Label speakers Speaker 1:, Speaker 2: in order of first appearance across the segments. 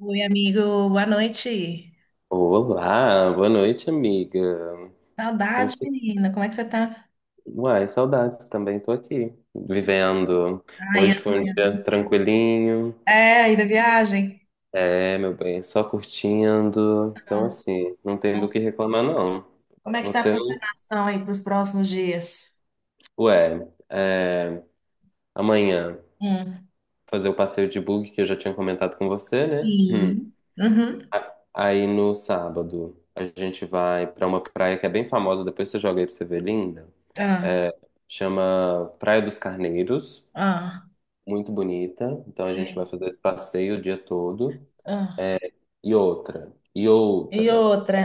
Speaker 1: Oi, amigo, boa noite.
Speaker 2: Olá, boa noite, amiga. Como
Speaker 1: Saudade,
Speaker 2: tá?
Speaker 1: menina. Como é que você tá?
Speaker 2: Uai, saudades, também tô aqui, vivendo.
Speaker 1: Ai,
Speaker 2: Hoje foi um
Speaker 1: amiga.
Speaker 2: dia tranquilinho,
Speaker 1: É, aí da viagem?
Speaker 2: meu bem, só curtindo. Então, assim, não tem do que
Speaker 1: Nossa.
Speaker 2: reclamar, não.
Speaker 1: Como é que tá a
Speaker 2: Você,
Speaker 1: programação aí para os próximos dias?
Speaker 2: ué, é, amanhã
Speaker 1: Hum.
Speaker 2: fazer o passeio de bug que eu já tinha comentado com você, né? Hum.
Speaker 1: Sim. Uhum.
Speaker 2: Aí no sábado a gente vai pra uma praia que é bem famosa, depois você joga aí pra você ver, linda.
Speaker 1: Ah,
Speaker 2: Chama Praia dos Carneiros.
Speaker 1: ah,
Speaker 2: Muito bonita. Então a gente vai
Speaker 1: sei.
Speaker 2: fazer esse passeio o dia todo.
Speaker 1: Ah.
Speaker 2: E outra, e
Speaker 1: E
Speaker 2: outra.
Speaker 1: outra.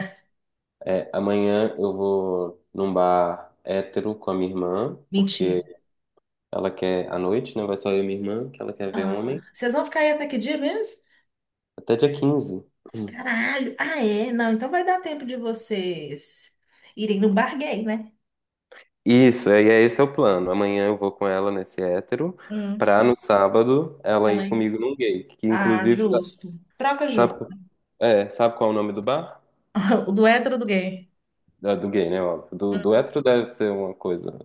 Speaker 2: É, amanhã eu vou num bar hétero com a minha irmã,
Speaker 1: Mentira.
Speaker 2: porque ela quer, à noite, né? Vai só eu e minha irmã, que ela quer ver
Speaker 1: Ah.
Speaker 2: homem.
Speaker 1: Vocês vão ficar aí até que dia mesmo?
Speaker 2: Até dia 15.
Speaker 1: Caralho. Ah, é? Não, então vai dar tempo de vocês irem no bar gay, né?
Speaker 2: Isso, é, esse é o plano. Amanhã eu vou com ela nesse hétero,
Speaker 1: Hum.
Speaker 2: pra no sábado ela
Speaker 1: Ela
Speaker 2: ir
Speaker 1: aí.
Speaker 2: comigo num gay, que
Speaker 1: Ah,
Speaker 2: inclusive,
Speaker 1: justo. Troca
Speaker 2: sabe,
Speaker 1: justa.
Speaker 2: é, sabe qual é o nome do bar?
Speaker 1: O do hétero ou do gay?
Speaker 2: Ah, do gay, né? Óbvio. Do
Speaker 1: Hum,
Speaker 2: hétero deve ser uma coisa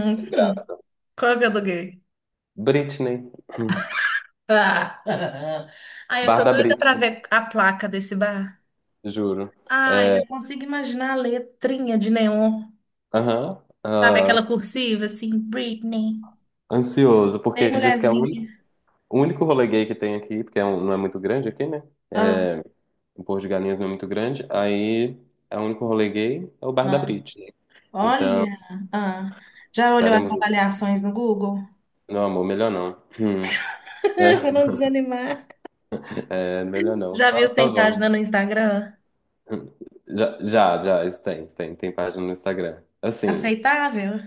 Speaker 2: sem
Speaker 1: hum.
Speaker 2: graça.
Speaker 1: Qual que eu aluguei?
Speaker 2: Britney.
Speaker 1: Ah, ai, eu
Speaker 2: Bar
Speaker 1: tô
Speaker 2: da
Speaker 1: doida
Speaker 2: Brits,
Speaker 1: pra ver a placa desse bar.
Speaker 2: juro.
Speaker 1: Ai,
Speaker 2: É,
Speaker 1: eu consigo imaginar a letrinha de neon.
Speaker 2: aham,
Speaker 1: Sabe aquela
Speaker 2: ah,
Speaker 1: cursiva assim, Britney,
Speaker 2: ansioso,
Speaker 1: bem
Speaker 2: porque diz que é
Speaker 1: mulherzinha.
Speaker 2: o único rolê gay que tem aqui, porque é não é muito grande aqui, né?
Speaker 1: Ah,
Speaker 2: É, o Porto de Galinhas não é muito grande, aí é o único rolê gay é o Bar da
Speaker 1: ah,
Speaker 2: Brits, né? Então,
Speaker 1: olha, ah. Já olhou as
Speaker 2: estaremos.
Speaker 1: avaliações no Google?
Speaker 2: Não, amor, melhor não. Hum. É,
Speaker 1: Pra não desanimar.
Speaker 2: é, melhor não.
Speaker 1: Já viu
Speaker 2: Só,
Speaker 1: se
Speaker 2: só
Speaker 1: tem
Speaker 2: vamos.
Speaker 1: página no Instagram?
Speaker 2: Já, isso tem, tem página no Instagram. Assim,
Speaker 1: Aceitável?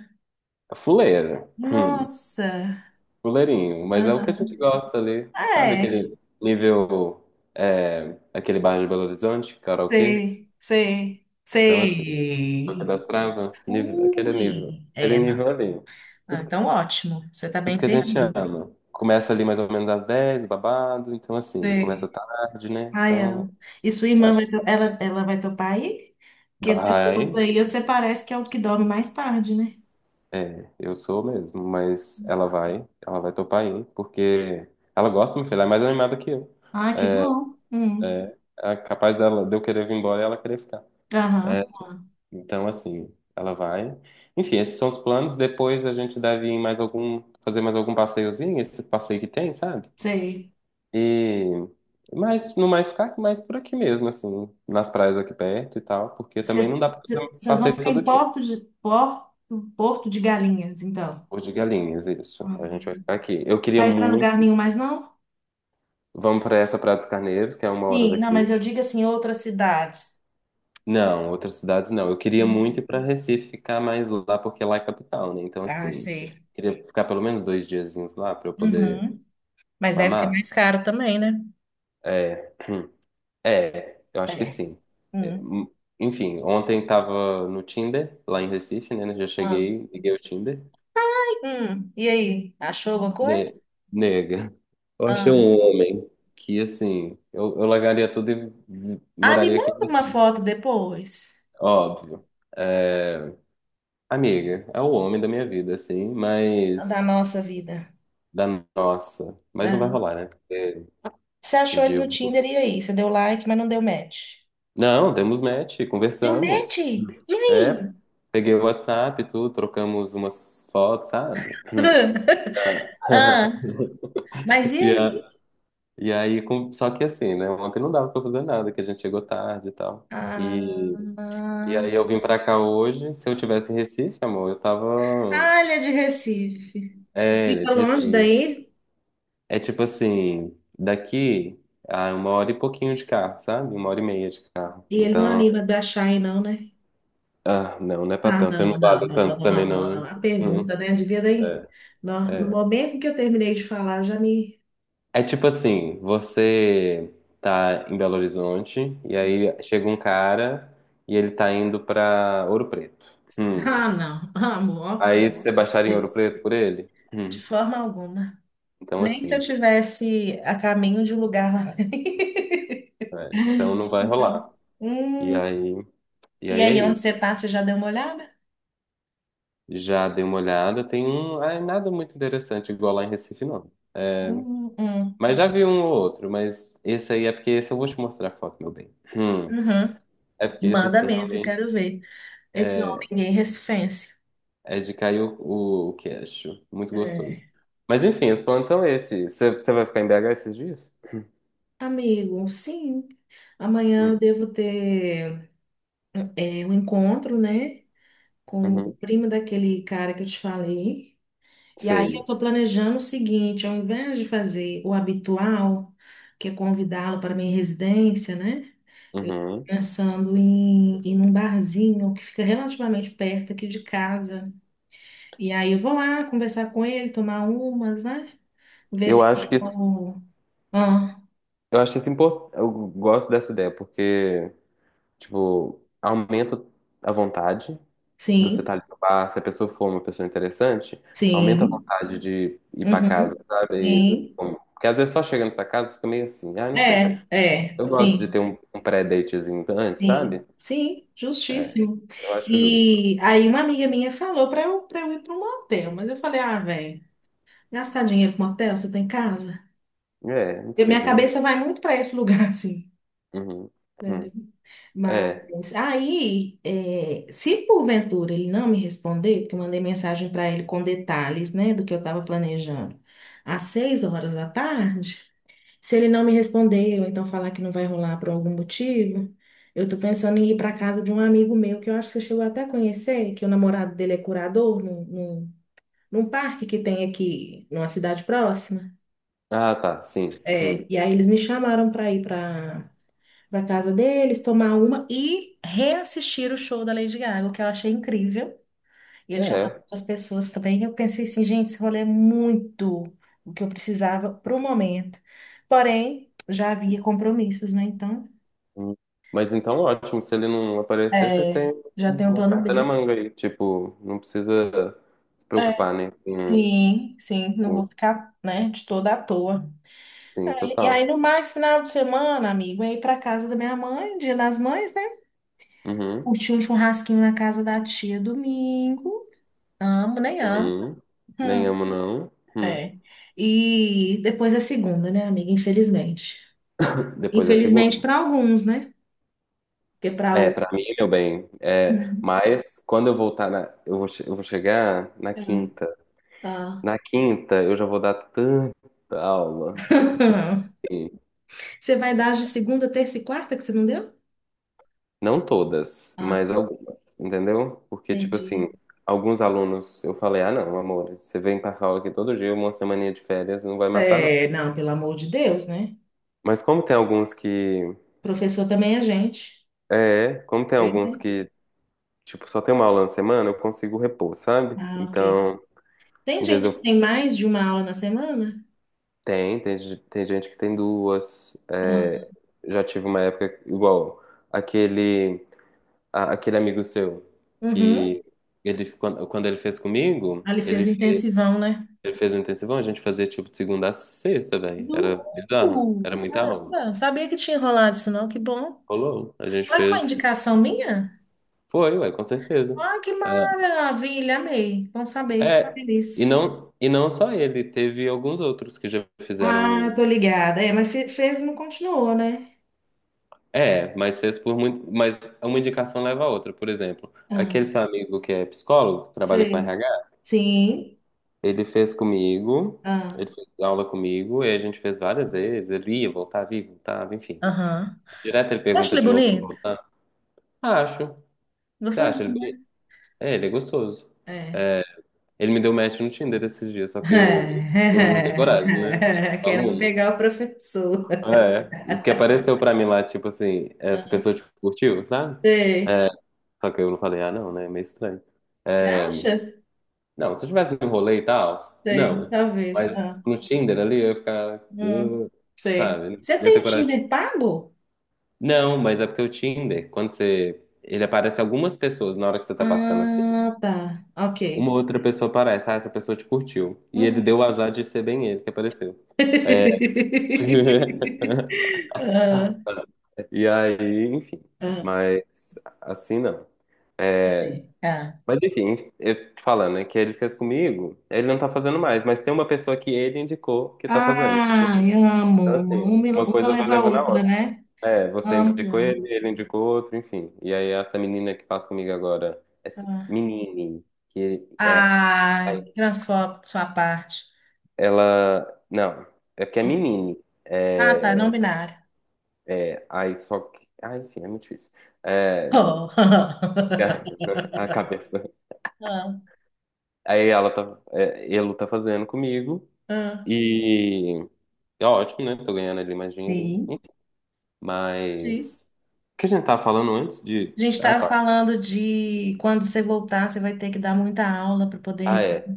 Speaker 2: fuleira. Hum.
Speaker 1: Nossa.
Speaker 2: Goleirinho, mas é o que a gente
Speaker 1: Aham.
Speaker 2: gosta ali, sabe?
Speaker 1: É,
Speaker 2: Aquele nível, é, aquele bairro de Belo Horizonte, karaokê.
Speaker 1: sei, sei,
Speaker 2: Então, assim, Toca
Speaker 1: sei.
Speaker 2: das Trava, nível,
Speaker 1: Ui,
Speaker 2: aquele
Speaker 1: é, não.
Speaker 2: nível ali.
Speaker 1: Ah,
Speaker 2: Tudo,
Speaker 1: então,
Speaker 2: que-
Speaker 1: ótimo. Você está bem
Speaker 2: tudo que a gente
Speaker 1: servido.
Speaker 2: ama. Começa ali mais ou menos às 10, o babado, então, assim, começa
Speaker 1: Sei.
Speaker 2: tarde, né?
Speaker 1: Ai,
Speaker 2: Então,
Speaker 1: amo. E sua irmã vai,
Speaker 2: acho
Speaker 1: ela vai topar aí?
Speaker 2: que
Speaker 1: Porque de
Speaker 2: vai,
Speaker 1: todos aí, você parece que é o que dorme mais tarde, né?
Speaker 2: é, eu sou mesmo, mas ela vai topar ir, porque ela gosta, minha filha, ela é mais animada que eu.
Speaker 1: Ah, que bom. Hum.
Speaker 2: É capaz dela, de eu querer vir embora e ela querer ficar.
Speaker 1: Aham, ah,
Speaker 2: Então, assim, ela vai. Enfim, esses são os planos. Depois a gente deve ir em mais algum, fazer mais algum passeiozinho, esse passeio que tem, sabe?
Speaker 1: sei.
Speaker 2: E mas no mais ficar mais por aqui mesmo, assim, nas praias aqui perto e tal, porque
Speaker 1: Vocês
Speaker 2: também não dá pra fazer um
Speaker 1: vocês vão
Speaker 2: passeio
Speaker 1: ficar em
Speaker 2: todo dia.
Speaker 1: Porto de Galinhas, então.
Speaker 2: Por de Galinhas, isso. A gente
Speaker 1: Uhum.
Speaker 2: vai ficar aqui. Eu queria
Speaker 1: Vai para lugar
Speaker 2: muito.
Speaker 1: nenhum mais, não?
Speaker 2: Vamos pra essa Praia dos Carneiros, que é uma hora
Speaker 1: Sim, não,
Speaker 2: daqui.
Speaker 1: mas eu digo assim, outras cidades.
Speaker 2: Não, outras cidades não. Eu queria muito
Speaker 1: Entendi.
Speaker 2: ir pra Recife, ficar mais lá, porque lá é capital, né? Então,
Speaker 1: Ah,
Speaker 2: assim, eu
Speaker 1: sei.
Speaker 2: queria ficar pelo menos dois diazinhos lá pra eu poder.
Speaker 1: Uhum. Mas deve ser
Speaker 2: Mamá?
Speaker 1: mais caro também, né?
Speaker 2: É. É, eu acho que
Speaker 1: É.
Speaker 2: sim. É,
Speaker 1: Hum.
Speaker 2: hum, enfim, ontem tava no Tinder, lá em Recife, né? Né, já
Speaker 1: Ah.
Speaker 2: cheguei, liguei o Tinder.
Speaker 1: Hum. E aí? Achou alguma coisa?
Speaker 2: Ne- Nega, eu achei
Speaker 1: Ah.
Speaker 2: um homem que, assim, eu largaria tudo e
Speaker 1: Ah, me
Speaker 2: moraria aqui em
Speaker 1: manda uma
Speaker 2: Recife.
Speaker 1: foto depois
Speaker 2: Óbvio. É, amiga, é o homem da minha vida, assim,
Speaker 1: da
Speaker 2: mas
Speaker 1: nossa vida.
Speaker 2: da nossa. Mas não vai
Speaker 1: Ah.
Speaker 2: rolar, né? Porque
Speaker 1: Você
Speaker 2: o
Speaker 1: achou ele no Tinder
Speaker 2: Divo.
Speaker 1: e aí? Você deu like, mas não deu match.
Speaker 2: Não, demos match,
Speaker 1: Deu
Speaker 2: conversamos.
Speaker 1: match? E
Speaker 2: É,
Speaker 1: aí?
Speaker 2: peguei o WhatsApp, e tudo, trocamos umas fotos, sabe?
Speaker 1: Ah. Mas e
Speaker 2: E,
Speaker 1: aí?
Speaker 2: a- e aí, só que assim, né? Ontem não dava pra fazer nada, que a gente chegou tarde e tal.
Speaker 1: Ah.
Speaker 2: E, e
Speaker 1: Ah,
Speaker 2: aí eu vim pra cá hoje. Se eu tivesse em Recife, amor, eu tava.
Speaker 1: Ah, ele é de Recife.
Speaker 2: É, ele é
Speaker 1: Fica
Speaker 2: de
Speaker 1: longe
Speaker 2: Recife.
Speaker 1: daí
Speaker 2: É tipo assim, daqui a uma hora e pouquinho de carro, sabe? Uma hora e meia de carro.
Speaker 1: e ele não
Speaker 2: Então,
Speaker 1: anima de achar aí, não, né?
Speaker 2: ah, não, não é pra
Speaker 1: Ah,
Speaker 2: tanto. Eu
Speaker 1: não,
Speaker 2: não
Speaker 1: não,
Speaker 2: valho
Speaker 1: não, não,
Speaker 2: tanto
Speaker 1: não,
Speaker 2: também, não,
Speaker 1: não,
Speaker 2: né?
Speaker 1: não. A
Speaker 2: Hum,
Speaker 1: pergunta, né? Devia daí. No
Speaker 2: é.
Speaker 1: momento que eu terminei de falar, já me.
Speaker 2: É tipo assim, você tá em Belo Horizonte e aí chega um cara e ele tá indo pra Ouro Preto. Hum.
Speaker 1: Ah, não, amor,
Speaker 2: Aí você baixaria em Ouro
Speaker 1: isso,
Speaker 2: Preto por ele? Hum.
Speaker 1: de forma alguma.
Speaker 2: Então
Speaker 1: Nem se eu
Speaker 2: assim,
Speaker 1: tivesse a caminho de um lugar lá.
Speaker 2: é, então não vai
Speaker 1: Então,
Speaker 2: rolar. E
Speaker 1: hum,
Speaker 2: aí, e
Speaker 1: e
Speaker 2: aí é
Speaker 1: aí, onde
Speaker 2: isso.
Speaker 1: você tá, você já deu uma olhada?
Speaker 2: Já dei uma olhada, tem um, ah, nada muito interessante igual lá em Recife não.
Speaker 1: Hum, hum,
Speaker 2: Mas já vi um ou outro, mas esse aí é porque esse eu vou te mostrar a foto, meu bem. Hum.
Speaker 1: uhum.
Speaker 2: É porque esse
Speaker 1: Manda
Speaker 2: sim
Speaker 1: mesmo, eu
Speaker 2: realmente
Speaker 1: quero ver esse homem gay recifense.
Speaker 2: é de cair o queixo. Muito gostoso.
Speaker 1: É.
Speaker 2: Mas enfim, os planos são esses. Você vai ficar em BH esses dias?
Speaker 1: Amigo, sim. Amanhã
Speaker 2: Hum.
Speaker 1: eu devo ter um encontro, né? Com o
Speaker 2: Uhum.
Speaker 1: primo daquele cara que eu te falei. E aí eu
Speaker 2: Sei.
Speaker 1: estou planejando o seguinte, ao invés de fazer o habitual, que é convidá-lo para minha residência, né?
Speaker 2: Uhum.
Speaker 1: Pensando em ir num barzinho que fica relativamente perto aqui de casa. E aí eu vou lá conversar com ele, tomar umas, né? Ver
Speaker 2: Eu
Speaker 1: se.
Speaker 2: acho que
Speaker 1: eu- Ah,
Speaker 2: eu acho isso importante. Eu gosto dessa ideia, porque, tipo, aumenta a vontade de você
Speaker 1: sim,
Speaker 2: estar ali no bar. Se a pessoa for uma pessoa interessante, aumenta a
Speaker 1: sim,
Speaker 2: vontade de ir pra casa,
Speaker 1: uhum,
Speaker 2: sabe? E,
Speaker 1: sim.
Speaker 2: bom, porque às vezes só chega nessa casa fica meio assim, ah, não sei.
Speaker 1: É, é,
Speaker 2: Eu gosto de
Speaker 1: sim,
Speaker 2: ter um pré-datezinho antes,
Speaker 1: sim.
Speaker 2: sabe?
Speaker 1: Sim,
Speaker 2: É,
Speaker 1: justíssimo.
Speaker 2: eu acho justo.
Speaker 1: E aí uma amiga minha falou para eu ir para um motel, mas eu falei, ah, velho, gastar dinheiro com hotel, você tem casa?
Speaker 2: É, não
Speaker 1: E minha
Speaker 2: precisa, né?
Speaker 1: cabeça vai muito para esse lugar, assim.
Speaker 2: Uhum.
Speaker 1: Né?
Speaker 2: Hum. É.
Speaker 1: Mas aí, se porventura ele não me responder, porque eu mandei mensagem para ele com detalhes, né, do que eu estava planejando, às 6 horas da tarde, se ele não me responder ou então falar que não vai rolar por algum motivo, eu tô pensando em ir para casa de um amigo meu que eu acho que você chegou até a conhecer, que o namorado dele é curador num parque que tem aqui, numa cidade próxima.
Speaker 2: Ah, tá, sim.
Speaker 1: É,
Speaker 2: Hum.
Speaker 1: e aí eles me chamaram para ir para casa deles, tomar uma e reassistir o show da Lady Gaga, o que eu achei incrível. E eles chamaram
Speaker 2: É.
Speaker 1: outras pessoas também. E eu pensei assim, gente, esse rolê é muito o que eu precisava pro momento. Porém, já havia compromissos, né? Então,
Speaker 2: Hum. Mas então, ótimo. Se ele não aparecer, você tem
Speaker 1: já tem um
Speaker 2: uma
Speaker 1: plano
Speaker 2: carta na
Speaker 1: B.
Speaker 2: manga aí. Tipo, não precisa se
Speaker 1: É,
Speaker 2: preocupar, né?
Speaker 1: sim, sim, não vou
Speaker 2: Com...
Speaker 1: ficar, né, de toda à toa.
Speaker 2: Sim,
Speaker 1: E aí,
Speaker 2: total.
Speaker 1: no mais, final de semana, amigo, eu ia ir casa da minha mãe, dia das mães, né?
Speaker 2: Uhum.
Speaker 1: Curti um churrasquinho na casa da tia domingo. Amo, nem amo.
Speaker 2: Uhum. Nem
Speaker 1: Hum,
Speaker 2: amo, não. Hum.
Speaker 1: é. E depois é segunda, né, amiga? Infelizmente.
Speaker 2: Depois da
Speaker 1: Infelizmente
Speaker 2: segunda.
Speaker 1: para alguns, né? Porque para
Speaker 2: É, pra
Speaker 1: outros.
Speaker 2: mim, meu bem. É,
Speaker 1: Hum,
Speaker 2: mas quando eu voltar na. Eu vou, eu vou chegar na
Speaker 1: é,
Speaker 2: quinta.
Speaker 1: tá.
Speaker 2: Na quinta, eu já vou dar tanta aula que.
Speaker 1: Você vai dar as de segunda, terça e quarta que você não deu?
Speaker 2: Não todas, mas
Speaker 1: Ah,
Speaker 2: algumas, entendeu? Porque, tipo assim,
Speaker 1: entendi.
Speaker 2: alguns alunos eu falei, ah, não, amor, você vem passar aula aqui todo dia, uma semaninha de férias, não vai matar, não.
Speaker 1: É, não, pelo amor de Deus, né?
Speaker 2: Mas como tem alguns que.
Speaker 1: Professor também é gente.
Speaker 2: É, como tem alguns
Speaker 1: Perfeito.
Speaker 2: que, tipo, só tem uma aula na semana, eu consigo repor, sabe?
Speaker 1: Ah, ok.
Speaker 2: Então,
Speaker 1: Tem
Speaker 2: em vez de
Speaker 1: gente que
Speaker 2: eu.
Speaker 1: tem mais de uma aula na semana?
Speaker 2: Tem, tem gente que tem duas.
Speaker 1: Ah,
Speaker 2: É, já tive uma época igual aquele, aquele amigo seu
Speaker 1: uhum.
Speaker 2: que ele, quando ele fez comigo,
Speaker 1: Ali
Speaker 2: ele.
Speaker 1: fez um intensivão, né?
Speaker 2: Ele fez um intensivão, a gente fazia tipo de segunda a sexta, velho. Era bizarro,
Speaker 1: Nu!
Speaker 2: era muita aula.
Speaker 1: Caramba, sabia que tinha rolado isso não, que bom.
Speaker 2: Rolou. A gente
Speaker 1: Será que foi
Speaker 2: fez.
Speaker 1: indicação minha?
Speaker 2: Foi, ué, com certeza.
Speaker 1: Ah, que
Speaker 2: Ah,
Speaker 1: maravilha, amei. Bom saber, fico
Speaker 2: é,
Speaker 1: feliz.
Speaker 2: e não só ele, teve alguns outros que já
Speaker 1: Ah,
Speaker 2: fizeram.
Speaker 1: tô
Speaker 2: Um,
Speaker 1: ligada. É, mas fez e não continuou, né?
Speaker 2: é, mas fez por muito. Mas uma indicação leva a outra. Por exemplo,
Speaker 1: Ah,
Speaker 2: aquele seu amigo que é psicólogo, que trabalha com
Speaker 1: sei.
Speaker 2: RH,
Speaker 1: Sim.
Speaker 2: ele fez comigo,
Speaker 1: Ah,
Speaker 2: ele fez aula comigo, e a gente fez várias vezes. Ele ia, voltava, enfim.
Speaker 1: aham.
Speaker 2: Direto ele
Speaker 1: Eu acho
Speaker 2: pergunta
Speaker 1: ele
Speaker 2: de novo pra
Speaker 1: bonito?
Speaker 2: voltar. Ah, acho. Você acha?
Speaker 1: Gostosinho,
Speaker 2: Ele
Speaker 1: né?
Speaker 2: é, ele é gostoso.
Speaker 1: É.
Speaker 2: Ele me deu match no Tinder esses dias, só que eu não tenho coragem, né?
Speaker 1: Querendo
Speaker 2: Aluno.
Speaker 1: pegar o professor.
Speaker 2: É, porque apareceu pra mim lá, tipo assim, essa pessoa te curtiu, sabe?
Speaker 1: Sei.
Speaker 2: É, só que eu não falei, ah, não, né? É meio estranho.
Speaker 1: Você acha?
Speaker 2: Não, se eu tivesse no rolê e tal,
Speaker 1: Sei,
Speaker 2: não.
Speaker 1: talvez.
Speaker 2: Mas no Tinder ali eu ia ficar,
Speaker 1: Hum, sei.
Speaker 2: sabe?
Speaker 1: Você
Speaker 2: Não ia
Speaker 1: tem
Speaker 2: ter
Speaker 1: o
Speaker 2: coragem.
Speaker 1: Tinder pago?
Speaker 2: Não, mas é porque o Tinder, quando você. Ele aparece algumas pessoas na hora que você tá passando assim.
Speaker 1: Ah, tá. Ok.
Speaker 2: Uma outra pessoa aparece, ah, essa pessoa te curtiu. E ele
Speaker 1: Uhum.
Speaker 2: deu o azar de ser bem ele que apareceu.
Speaker 1: Ah,
Speaker 2: E aí, enfim.
Speaker 1: ah,
Speaker 2: Mas assim não.
Speaker 1: entendi. Ah.
Speaker 2: Mas enfim, eu te falando, né, que ele fez comigo, ele não tá fazendo mais, mas tem uma pessoa que ele indicou que tá fazendo.
Speaker 1: Ai, amo.
Speaker 2: Então, assim,
Speaker 1: Uma,
Speaker 2: uma
Speaker 1: uma
Speaker 2: coisa vai
Speaker 1: leva a
Speaker 2: levando a
Speaker 1: outra,
Speaker 2: outra.
Speaker 1: né?
Speaker 2: É, você
Speaker 1: Amo que
Speaker 2: indicou
Speaker 1: amo.
Speaker 2: ele, ele indicou outro, enfim. E aí, essa menina que faz comigo agora, essa
Speaker 1: Ah.
Speaker 2: menine, que é,
Speaker 1: Ai,
Speaker 2: aí,
Speaker 1: transfobo de sua parte.
Speaker 2: ela, não, é que é
Speaker 1: Hum.
Speaker 2: menine.
Speaker 1: Ah, tá,
Speaker 2: É,
Speaker 1: não binário.
Speaker 2: é, aí só que, ah, enfim, é muito difícil. É,
Speaker 1: Oh.
Speaker 2: a cabeça.
Speaker 1: Ah,
Speaker 2: Aí ela tá, é, ele tá fazendo comigo
Speaker 1: ah.
Speaker 2: e é ótimo, né? Tô ganhando ali mais dinheirinho.
Speaker 1: Sim, sim.
Speaker 2: Mas o que a gente tava falando antes de.
Speaker 1: A gente
Speaker 2: Ah,
Speaker 1: estava
Speaker 2: tá.
Speaker 1: falando de quando você voltar, você vai ter que dar muita aula para
Speaker 2: Ah,
Speaker 1: poder.
Speaker 2: é.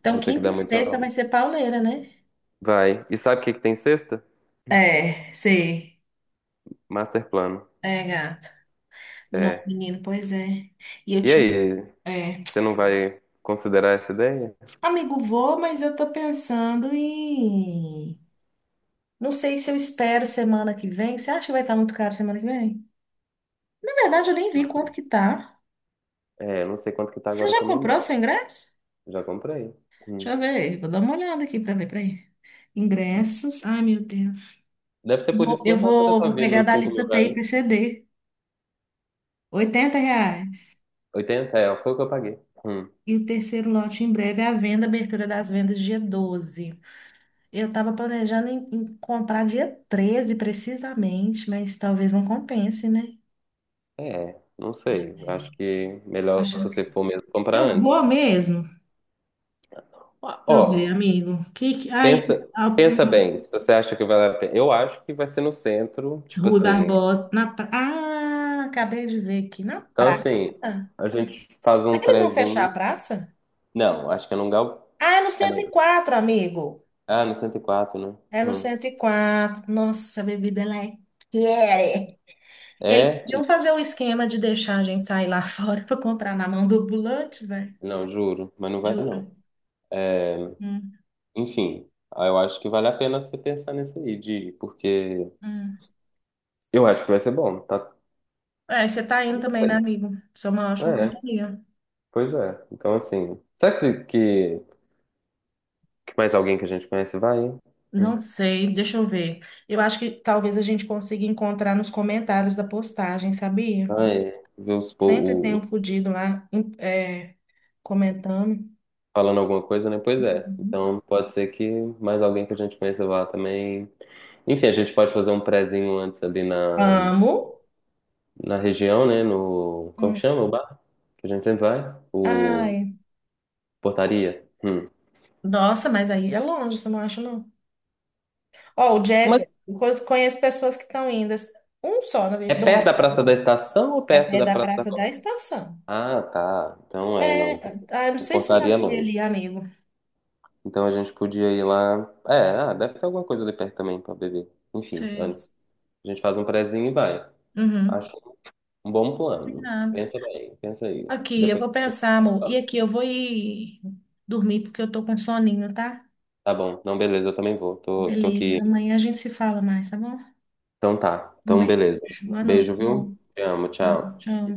Speaker 1: Então,
Speaker 2: Vou ter que
Speaker 1: quinta
Speaker 2: dar
Speaker 1: e
Speaker 2: muita
Speaker 1: sexta vai
Speaker 2: aula.
Speaker 1: ser pauleira, né?
Speaker 2: Vai. E sabe o que que tem sexta?
Speaker 1: É, sei.
Speaker 2: Master plano.
Speaker 1: É, gato. Não,
Speaker 2: É.
Speaker 1: menino, pois é. E eu
Speaker 2: E
Speaker 1: tinha.
Speaker 2: aí,
Speaker 1: É.
Speaker 2: você não vai considerar essa ideia?
Speaker 1: Amigo, vou, mas eu tô pensando em. Não sei se eu espero semana que vem. Você acha que vai estar muito caro semana que vem? Na verdade, eu nem vi quanto que tá.
Speaker 2: É, eu não sei quanto que tá
Speaker 1: Você
Speaker 2: agora
Speaker 1: já
Speaker 2: também, não.
Speaker 1: comprou seu ingresso?
Speaker 2: Já comprei.
Speaker 1: Deixa
Speaker 2: Hum.
Speaker 1: eu ver. Vou dar uma olhada aqui pra ver, peraí. Ingressos. Ai, meu Deus.
Speaker 2: Deve ser por
Speaker 1: Vou-
Speaker 2: isso que
Speaker 1: eu
Speaker 2: minha fatura
Speaker 1: vou,
Speaker 2: tá
Speaker 1: vou
Speaker 2: vindo
Speaker 1: pegar
Speaker 2: uns
Speaker 1: da
Speaker 2: 5 mil
Speaker 1: lista T
Speaker 2: reais.
Speaker 1: TIPCD. 80 reais.
Speaker 2: 80. É, foi o que eu paguei. Hum.
Speaker 1: E o terceiro lote em breve é a venda, abertura das vendas dia 12. Eu estava planejando em, comprar dia 13 precisamente, mas talvez não compense, né?
Speaker 2: É, não
Speaker 1: É,
Speaker 2: sei. Acho
Speaker 1: é.
Speaker 2: que melhor se
Speaker 1: Achando
Speaker 2: você
Speaker 1: que-
Speaker 2: for mesmo comprar
Speaker 1: Eu vou
Speaker 2: antes.
Speaker 1: mesmo.
Speaker 2: Ah,
Speaker 1: Deixa eu ver,
Speaker 2: ó,
Speaker 1: amigo. Aí,
Speaker 2: pensa,
Speaker 1: a-
Speaker 2: pensa bem, se você acha que vale a pena. Eu acho que vai ser no centro, tipo
Speaker 1: Rui
Speaker 2: assim.
Speaker 1: Barbosa. Ah, acabei de ver aqui. Na
Speaker 2: Então,
Speaker 1: praça?
Speaker 2: assim,
Speaker 1: Será
Speaker 2: a gente faz um
Speaker 1: que eles vão fechar
Speaker 2: prézinho.
Speaker 1: a praça?
Speaker 2: Não, acho que é num gal...
Speaker 1: Ah, é no
Speaker 2: é
Speaker 1: cento
Speaker 2: no...
Speaker 1: e quatro amigo.
Speaker 2: Ah, no 104, né?
Speaker 1: É no
Speaker 2: Hum.
Speaker 1: cento e quatro. Nossa, a bebida ela é quente. Eles
Speaker 2: É?
Speaker 1: podiam
Speaker 2: Ih,
Speaker 1: fazer o esquema de deixar a gente sair lá fora para comprar na mão do ambulante, velho.
Speaker 2: não, juro, mas não vai
Speaker 1: Juro.
Speaker 2: não. É,
Speaker 1: Hum,
Speaker 2: enfim, aí eu acho que vale a pena você pensar nisso aí, de ir, porque
Speaker 1: hum.
Speaker 2: eu acho que vai ser bom, tá? Tá.
Speaker 1: É, você tá indo
Speaker 2: Tudo
Speaker 1: também, né,
Speaker 2: bem.
Speaker 1: amigo? Você é uma ótima
Speaker 2: É,
Speaker 1: companhia.
Speaker 2: pois é. Então, assim, que mais alguém que a gente conhece vai?
Speaker 1: Não
Speaker 2: Hum.
Speaker 1: sei, deixa eu ver. Eu acho que talvez a gente consiga encontrar nos comentários da postagem, sabia?
Speaker 2: Vai ver
Speaker 1: Sempre tem um
Speaker 2: o
Speaker 1: fudido lá, comentando.
Speaker 2: falando alguma coisa, né? Pois é.
Speaker 1: Uhum.
Speaker 2: Então pode ser que mais alguém que a gente conheça vá também. Enfim, a gente pode fazer um prezinho antes ali
Speaker 1: Amo.
Speaker 2: na região, né? No, como que
Speaker 1: Hum.
Speaker 2: chama o bar? Que a gente sempre vai? O
Speaker 1: Ai,
Speaker 2: Portaria. Hum.
Speaker 1: nossa, mas aí é longe, você não acha, não? Ó, o
Speaker 2: Mas
Speaker 1: Jeff, eu conheço pessoas que estão indo. Assim, um só, na
Speaker 2: é
Speaker 1: verdade,
Speaker 2: perto da
Speaker 1: dois.
Speaker 2: Praça da Estação ou
Speaker 1: É
Speaker 2: perto
Speaker 1: pé
Speaker 2: da
Speaker 1: da
Speaker 2: Praça? Da
Speaker 1: Praça da
Speaker 2: Roça?
Speaker 1: Estação.
Speaker 2: Ah, tá. Então é,
Speaker 1: É,
Speaker 2: não. Então,
Speaker 1: ah, não
Speaker 2: o
Speaker 1: sei se você já
Speaker 2: Portaria é
Speaker 1: foi
Speaker 2: longe.
Speaker 1: ali, amigo.
Speaker 2: Então a gente podia ir lá. É, ah, deve ter alguma coisa ali perto também pra beber. Enfim,
Speaker 1: Sei.
Speaker 2: antes. A gente faz um prezinho e vai.
Speaker 1: Uhum.
Speaker 2: Acho um bom plano.
Speaker 1: Nada.
Speaker 2: Pensa bem, pensa aí.
Speaker 1: Aqui, eu
Speaker 2: Depois
Speaker 1: vou
Speaker 2: você
Speaker 1: pensar, amor. E
Speaker 2: fala.
Speaker 1: aqui, eu vou ir dormir porque eu tô com soninho, tá?
Speaker 2: Tá bom. Não, beleza, eu também vou. Tô, tô aqui.
Speaker 1: Beleza. Amanhã a gente se fala mais, tá bom?
Speaker 2: Então tá.
Speaker 1: Um
Speaker 2: Então, beleza.
Speaker 1: beijo. Boa noite,
Speaker 2: Beijo,
Speaker 1: amor.
Speaker 2: viu? Te amo,
Speaker 1: Tchau.
Speaker 2: tchau.
Speaker 1: Tchau.